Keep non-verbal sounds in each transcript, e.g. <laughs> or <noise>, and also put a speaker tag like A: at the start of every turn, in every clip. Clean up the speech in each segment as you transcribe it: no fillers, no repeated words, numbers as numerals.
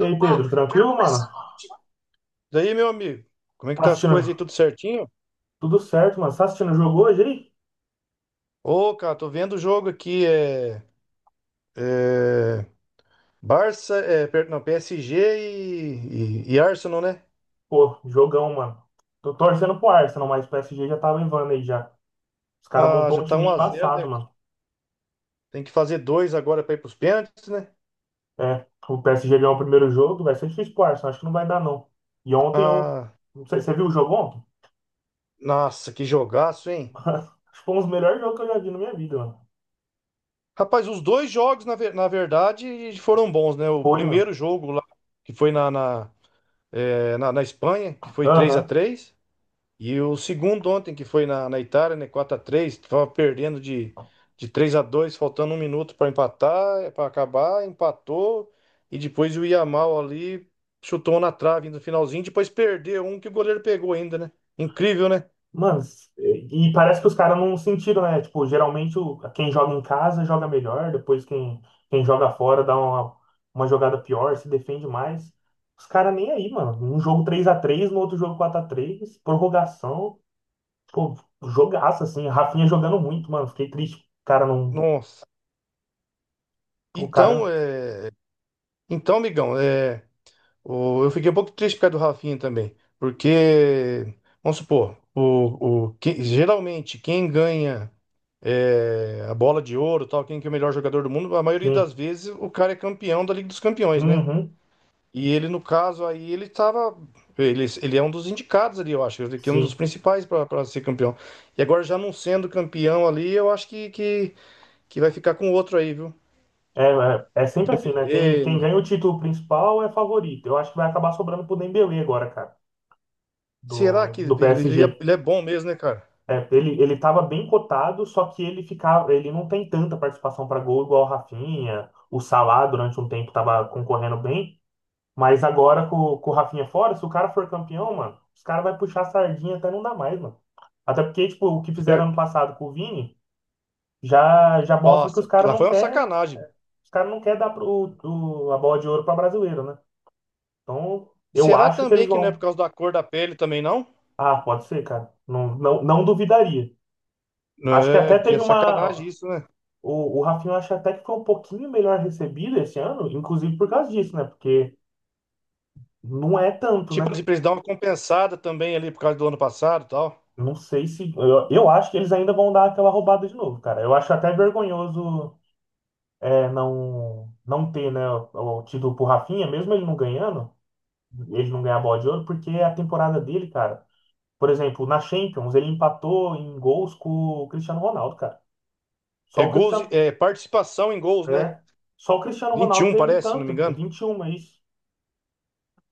A: E aí, Pedro, tranquilo, mano?
B: Daí, meu amigo, como é que
A: Tá
B: tá as coisas aí?
A: assistindo?
B: Tudo certinho?
A: Tudo certo, mano? Tá assistindo o jogo hoje aí?
B: Ô, cara, tô vendo o jogo aqui, é Barça, não, PSG e Arsenal, né?
A: Pô, jogão, mano. Tô torcendo pro Arsenal, mas o PSG já tava em vana aí já. Os caras
B: Ah, já
A: montou um
B: tá um
A: time
B: a zero
A: embaçado,
B: né?
A: mano.
B: Tem que fazer dois agora pra ir pros pênaltis, né?
A: É, o PSG ganhou o primeiro jogo, vai ser difícil pro Arsenal, acho que não vai dar não. E ontem eu.
B: Ah,
A: Não sei, você viu o jogo ontem?
B: Nossa, que jogaço,
A: <laughs>
B: hein?
A: Acho que foi um dos melhores jogos que eu já vi na minha vida, mano.
B: Rapaz, os dois jogos, na verdade, foram bons, né? O
A: Foi, mano.
B: primeiro jogo lá, que foi na Espanha, que foi três a
A: Aham.
B: três E o segundo ontem, que foi na Itália, né? 4x3, tava perdendo de 3 a 2, faltando um minuto para empatar, para acabar, empatou. E depois o Yamal ali chutou na trave no finalzinho, depois perdeu um que o goleiro pegou ainda, né? Incrível, né?
A: Mano, e parece que os caras não sentiram, né? Tipo, geralmente quem joga em casa joga melhor, depois quem joga fora dá uma jogada pior, se defende mais. Os caras nem aí, mano. Um jogo 3-3 no outro jogo 4-3 prorrogação. Pô, jogaço, assim. Rafinha jogando muito, mano. Fiquei triste. O cara não.
B: Nossa.
A: O
B: Então,
A: cara.
B: é, amigão, é. Eu fiquei um pouco triste por causa do Rafinha também, porque, vamos supor, geralmente quem ganha é, a bola de ouro, tal, quem que é o melhor jogador do mundo, a maioria
A: Sim.
B: das vezes o cara é campeão da Liga dos Campeões, né?
A: Uhum.
B: E ele, no caso, aí ele estava. Ele é um dos indicados ali, eu acho, ele que é um dos
A: Sim.
B: principais para ser campeão. E agora, já não sendo campeão ali, eu acho que vai ficar com outro aí, viu?
A: É sempre assim, né? Quem,
B: Dembélé,
A: quem
B: não.
A: ganha o título principal é favorito. Eu acho que vai acabar sobrando pro Dembélé agora, cara.
B: Será
A: Do,
B: que ele,
A: do
B: ele é
A: PSG.
B: ele é bom mesmo, né, cara?
A: É, ele estava bem cotado, só que ele ficava, ele não tem tanta participação para gol igual o Rafinha. O Salah durante um tempo estava concorrendo bem, mas agora com o Rafinha fora, se o cara for campeão, mano, os caras vai puxar a sardinha até não dá mais, mano. Até porque, tipo, o que fizeram ano passado com o Vini já mostra que
B: Nossa,
A: os
B: que
A: caras
B: lá
A: não
B: foi uma
A: quer,
B: sacanagem.
A: os cara não quer dar a bola de ouro para brasileiro, né? Então, eu
B: Será
A: acho que
B: também
A: eles
B: que não é por
A: vão.
B: causa da cor da pele também, não?
A: Ah, pode ser, cara. Não, não, não duvidaria.
B: Não.
A: Acho que até
B: É que é
A: teve
B: sacanagem
A: uma.
B: isso, né?
A: O Rafinha eu acho até que foi um pouquinho melhor recebido esse ano, inclusive por causa disso, né? Porque não é tanto,
B: Tipo
A: né?
B: assim, pra eles dar uma compensada também ali por causa do ano passado e tal.
A: Não sei se. Eu acho que eles ainda vão dar aquela roubada de novo, cara. Eu acho até vergonhoso não ter, né, o título pro Rafinha, mesmo ele não ganhando, ele não ganhar a bola de ouro, porque é a temporada dele, cara. Por exemplo, na Champions, ele empatou em gols com o Cristiano Ronaldo, cara.
B: É
A: Só o
B: gols,
A: Cristiano.
B: é participação em gols, né?
A: É. Só o Cristiano
B: Vinte e
A: Ronaldo
B: um
A: teve
B: parece, se não
A: tanto,
B: me
A: é
B: engano.
A: 21 é isso.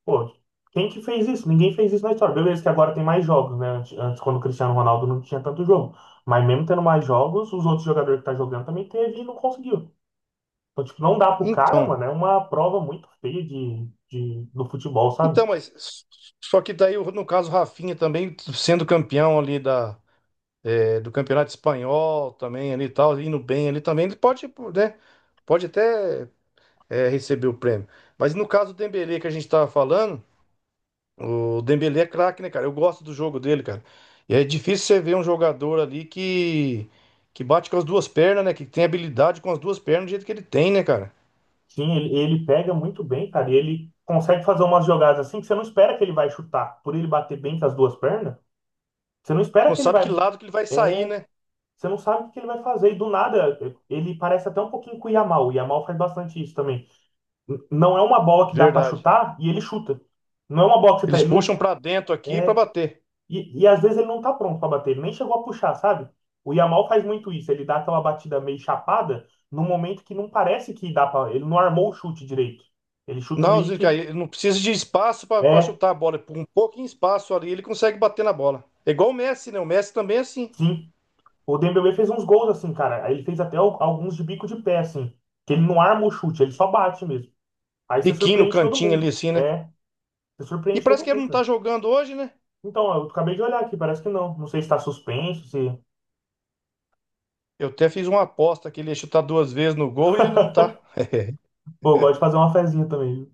A: Pô, quem que fez isso? Ninguém fez isso na história. Beleza que agora tem mais jogos, né? Antes, quando o Cristiano Ronaldo não tinha tanto jogo. Mas mesmo tendo mais jogos, os outros jogadores que tá jogando também teve e não conseguiu. Então, tipo, não dá pro cara,
B: Então,
A: mano. É uma prova muito feia do futebol, sabe?
B: então, mas só que daí, no caso, o Rafinha também sendo campeão ali da, é, do Campeonato Espanhol também ali e tal, indo bem ali também, ele pode, né? Pode até é, receber o prêmio. Mas no caso do Dembélé que a gente tava falando, o Dembélé é craque, né, cara? Eu gosto do jogo dele, cara. E é difícil você ver um jogador ali que bate com as duas pernas, né? Que tem habilidade com as duas pernas do jeito que ele tem, né, cara?
A: Sim, ele pega muito bem, cara. E ele consegue fazer umas jogadas assim que você não espera que ele vai chutar. Por ele bater bem com as duas pernas, você não
B: Você
A: espera
B: não
A: que ele
B: sabe que
A: vai...
B: lado que ele vai sair,
A: É,
B: né?
A: você não sabe o que ele vai fazer. E do nada, ele parece até um pouquinho com o Yamal. O Yamal faz bastante isso também não é uma bola que dá pra
B: Verdade.
A: chutar e ele chuta. Não é uma bola que você tá,
B: Eles
A: ele não
B: puxam pra dentro aqui pra
A: é
B: bater.
A: e às vezes ele não tá pronto pra bater, ele nem chegou a puxar, sabe? O Yamal faz muito isso, ele dá aquela batida meio chapada num momento que não parece que dá pra. Ele não armou o chute direito. Ele chuta
B: Não,
A: meio
B: Zica,
A: que
B: ele não precisa de espaço pra
A: é,
B: chutar a bola. Por um pouquinho de espaço ali, ele consegue bater na bola. É igual o Messi, né? O Messi também é assim.
A: sim. O Dembélé fez uns gols assim, cara. Ele fez até alguns de bico de pé assim, que ele não arma o chute, ele só bate mesmo. Aí você
B: Biquinho no
A: surpreende todo
B: cantinho ali,
A: mundo.
B: assim, né?
A: É, você
B: E
A: surpreende
B: parece
A: todo
B: que ele
A: mundo,
B: não tá
A: cara.
B: jogando hoje, né?
A: Então, eu acabei de olhar aqui, parece que não. Não sei se tá suspenso, se
B: Eu até fiz uma aposta que ele ia chutar duas vezes no gol e ele não tá.
A: Pô, eu gosto de fazer uma fezinha também. Viu?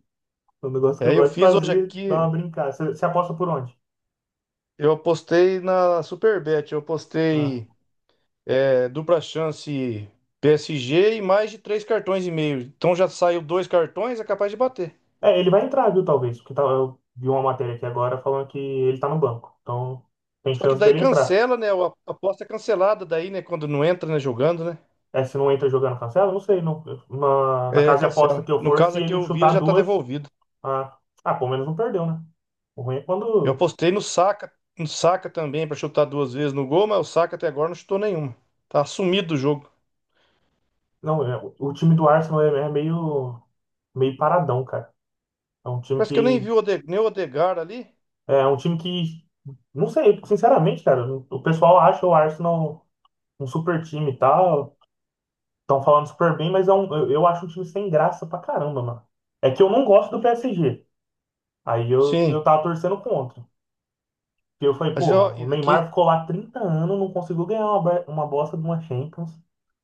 A: É um negócio que eu
B: Aí eu
A: gosto de
B: fiz hoje
A: fazer, dar uma
B: aqui,
A: brincada. Você aposta por onde?
B: eu apostei na Superbet, eu
A: Ah.
B: apostei é, dupla chance PSG e mais de três cartões e meio. Então já saiu dois cartões, é capaz de bater.
A: É, ele vai entrar, viu, talvez. Porque eu vi uma matéria aqui agora falando que ele tá no banco. Então, tem
B: Só que
A: chance
B: daí
A: dele entrar.
B: cancela, né? A aposta é cancelada daí, né? Quando não entra, né? Jogando, né?
A: É, se não entra jogando cancela, não sei. Não, na
B: É,
A: casa de aposta
B: cancela.
A: que eu
B: No
A: for, se
B: caso aqui,
A: ele
B: o Vila
A: chutar
B: já tá
A: duas,
B: devolvido.
A: ah, ah, pelo menos não perdeu, né? O ruim é
B: Eu
A: quando.
B: apostei no Saka, no Saka também pra chutar duas vezes no gol, mas o Saka até agora não chutou nenhuma. Tá sumido do jogo.
A: Não, é, o time do Arsenal é meio paradão, cara. É um time
B: Parece que eu nem
A: que
B: vi o Ode- nem o Odegar ali.
A: É um time que, não sei, sinceramente, cara, o pessoal acha o Arsenal um super time e tal, estão falando super bem, mas eu acho um time sem graça pra caramba, mano. É que eu não gosto do PSG, aí eu
B: Sim.
A: tava torcendo contra. E eu falei,
B: Mas,
A: pô,
B: ó,
A: mano, o
B: quem-
A: Neymar ficou lá 30 anos, não conseguiu ganhar uma bosta de uma Champions.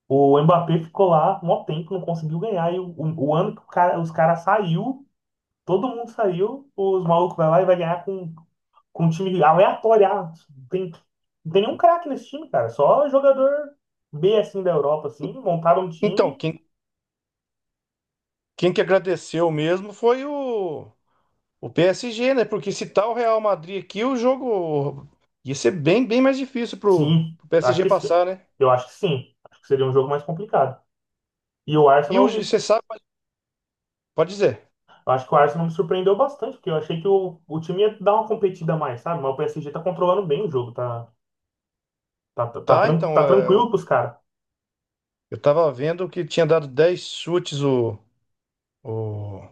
A: O Mbappé ficou lá mó tempo, não conseguiu ganhar. E o ano que os caras saiu, todo mundo saiu, os malucos vai lá e vai ganhar com um time aleatório. Ah, não tem nenhum craque nesse time, cara. Só jogador B assim da Europa, assim, montaram um
B: então,
A: time.
B: quem, quem que agradeceu mesmo foi o PSG, né? Porque se tá o Real Madrid aqui, o jogo ia ser bem mais difícil
A: Sim,
B: pro
A: acho
B: PSG
A: que sim.
B: passar, né?
A: Eu acho que sim. Acho que seria um jogo mais complicado. E o
B: E o,
A: Arsenal,
B: e você sabe, pode dizer.
A: eu acho que o Arsenal me surpreendeu bastante, porque eu achei que o time ia dar uma competida a mais, sabe? Mas o PSG tá controlando bem o jogo, tá, tá, tá, tá,
B: Tá,
A: tran-
B: então,
A: tá tranquilo pros caras.
B: eu tava vendo que tinha dado 10 chutes o,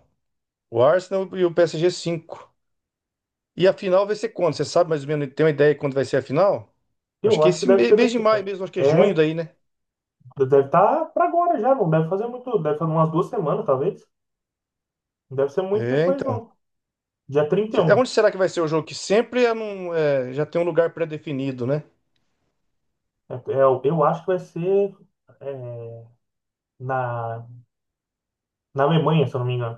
B: o Arsenal e o PSG 5. E a final vai ser quando? Você sabe mais ou menos, tem uma ideia de quando vai ser a final? Acho
A: Eu
B: que
A: acho que
B: esse
A: deve
B: me-
A: ser
B: mês de
A: daqui.
B: maio mesmo, acho que é junho
A: É,
B: daí, né?
A: deve estar pra agora já, não deve fazer muito, deve fazer umas 2 semanas, talvez. Não deve ser muito
B: É,
A: depois,
B: então.
A: não. Dia trinta e um
B: Onde será que vai ser o jogo? Que sempre é num- é, já tem um lugar pré-definido, né?
A: Eu acho que vai ser é, na, na Alemanha, se eu não me engano.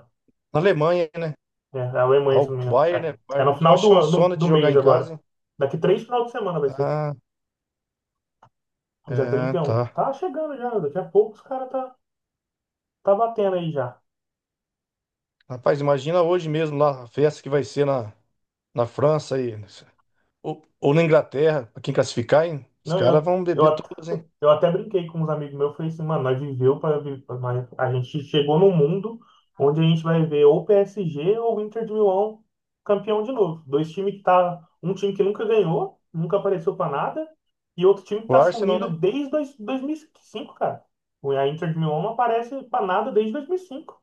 B: Na Alemanha, né?
A: É, na
B: Ah,
A: Alemanha, se eu
B: o
A: não me engano.
B: Bayern,
A: É,
B: né? O
A: é
B: Bayern
A: no
B: pediu uma
A: final do, ano-
B: chansona
A: do,
B: de
A: do
B: jogar
A: mês
B: em
A: agora.
B: casa, hein?
A: Daqui 3 final de semana vai ser.
B: Ah,
A: Dia
B: é,
A: 31
B: tá.
A: Tá chegando já, daqui a pouco os caras tá batendo aí já.
B: Rapaz, imagina hoje mesmo lá a festa que vai ser na França aí. Ou na Inglaterra, pra quem classificar, hein? Os
A: Não,
B: caras vão beber
A: eu,
B: todas, hein?
A: Eu até brinquei com uns amigos meus, falei assim, mano, nós viveu para a gente chegou num mundo onde a gente vai ver ou PSG ou Inter de Milão campeão de novo. Dois times que tá, um time que nunca ganhou, nunca apareceu para nada, e outro time que
B: O
A: tá
B: Arsenal,
A: sumido
B: né?
A: desde 2005, cara. A Inter de Milão não aparece para nada desde 2005.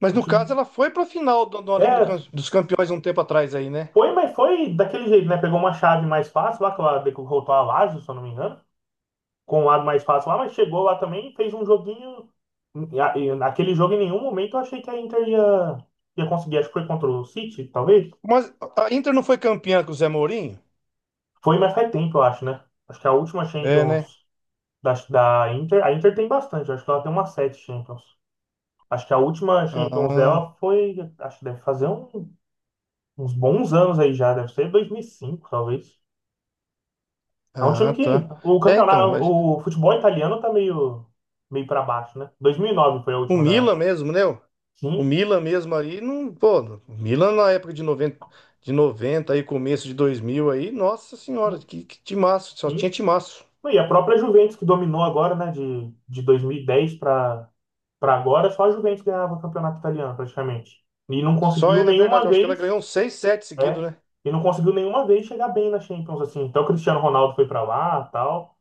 B: Mas
A: O
B: no
A: time-
B: caso, ela foi pra final da da Liga
A: É,
B: Dos Campeões um tempo atrás aí, né?
A: foi, mas foi daquele jeito, né? Pegou uma chave mais fácil lá, que ela derrotou a Lazio, se eu não me engano, com o lado mais fácil lá, mas chegou lá também, fez um joguinho. E naquele jogo, em nenhum momento, eu achei que a Inter ia conseguir. Acho que foi contra o City, talvez.
B: Mas a Inter não foi campeã com o Zé Mourinho?
A: Foi, mas faz tempo, eu acho, né? Acho que é a última
B: É, né?
A: Champions da Inter. A Inter tem bastante, eu acho que ela tem umas sete Champions. Acho que a última Champions
B: Ah.
A: dela foi. Acho que deve fazer uns bons anos aí já, deve ser 2005 talvez. É um
B: Ah,
A: time que.
B: tá.
A: O
B: É,
A: campeonato.
B: então, mas
A: O futebol italiano tá meio, para baixo, né? 2009 foi a
B: o
A: última da.
B: Milan mesmo, né? O
A: Sim.
B: Milan mesmo aí, não, pô, o Milan na época de 90 aí, começo de 2000 aí, nossa senhora, que timaço, só tinha
A: Sim.
B: timaço.
A: E a própria Juventus que dominou agora, né, de 2010 para agora, só a Juventus ganhava o campeonato italiano praticamente. E não
B: Só
A: conseguiu
B: é, é verdade,
A: nenhuma
B: eu acho que ela
A: vez,
B: ganhou uns 6, 7 seguidos,
A: é,
B: né?
A: e não conseguiu nenhuma vez chegar bem na Champions assim. Então o Cristiano Ronaldo foi para lá, tal,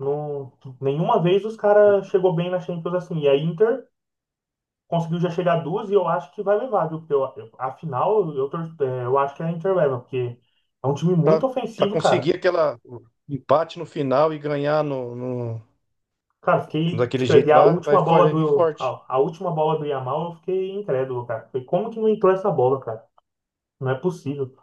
A: não nenhuma vez os caras chegou bem na Champions assim. E a Inter conseguiu já chegar duas e eu acho que vai levar, viu? Porque afinal eu acho que a Inter leva, porque é um time
B: Pra,
A: muito
B: pra
A: ofensivo, cara.
B: conseguir aquela o empate no final e ganhar no-
A: Cara, fiquei.
B: daquele
A: E
B: jeito
A: a
B: lá,
A: última bola
B: vai vir
A: do.
B: forte.
A: A última bola do Yamal, eu fiquei incrédulo, cara. Falei, como que não entrou essa bola, cara? Não é possível. O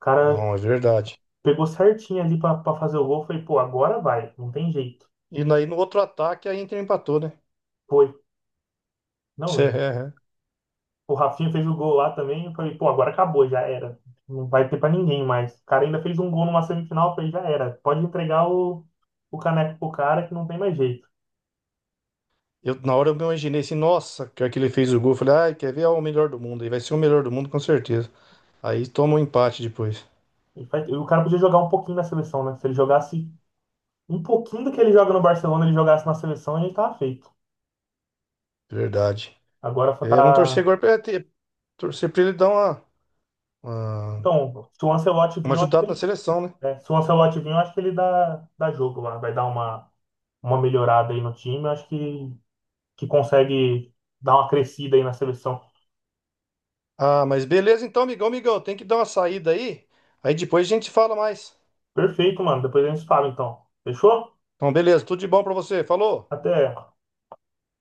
A: cara
B: Não, é verdade.
A: pegou certinho ali pra fazer o gol. Falei, pô, agora vai. Não tem jeito.
B: E aí no outro ataque a Inter empatou, né?
A: Foi.
B: Isso
A: Não,
B: é.
A: o Rafinha fez o gol lá também. Eu falei, pô, agora acabou, já era. Não vai ter pra ninguém mais. O cara ainda fez um gol numa semifinal. Eu falei, já era. Pode entregar o caneco pro cara que não tem mais jeito.
B: Eu, na hora eu me imaginei assim, nossa, que hora que ele fez o gol, eu falei, ai, quer ver? Ah, o melhor do mundo, aí vai ser o melhor do mundo com certeza. Aí toma um empate depois.
A: E o cara podia jogar um pouquinho na seleção, né? Se ele jogasse um pouquinho do que ele joga no Barcelona, ele jogasse na seleção, ele tava feito.
B: Verdade.
A: Agora só
B: É, vamos torcer
A: tá.
B: agora torcer pra ele dar uma,
A: Então, se o Ancelotti vir,
B: uma
A: eu acho que
B: ajudada na
A: ele.
B: seleção, né?
A: Se o Ancelotti vir, eu acho que ele dá jogo lá. Vai dar uma melhorada aí no time. Eu acho que consegue dar uma crescida aí na seleção.
B: Ah, mas beleza então, amigão, tem que dar uma saída aí. Aí depois a gente fala mais.
A: Perfeito, mano. Depois a gente fala, então. Fechou?
B: Então, beleza, tudo de bom pra você. Falou!
A: Até.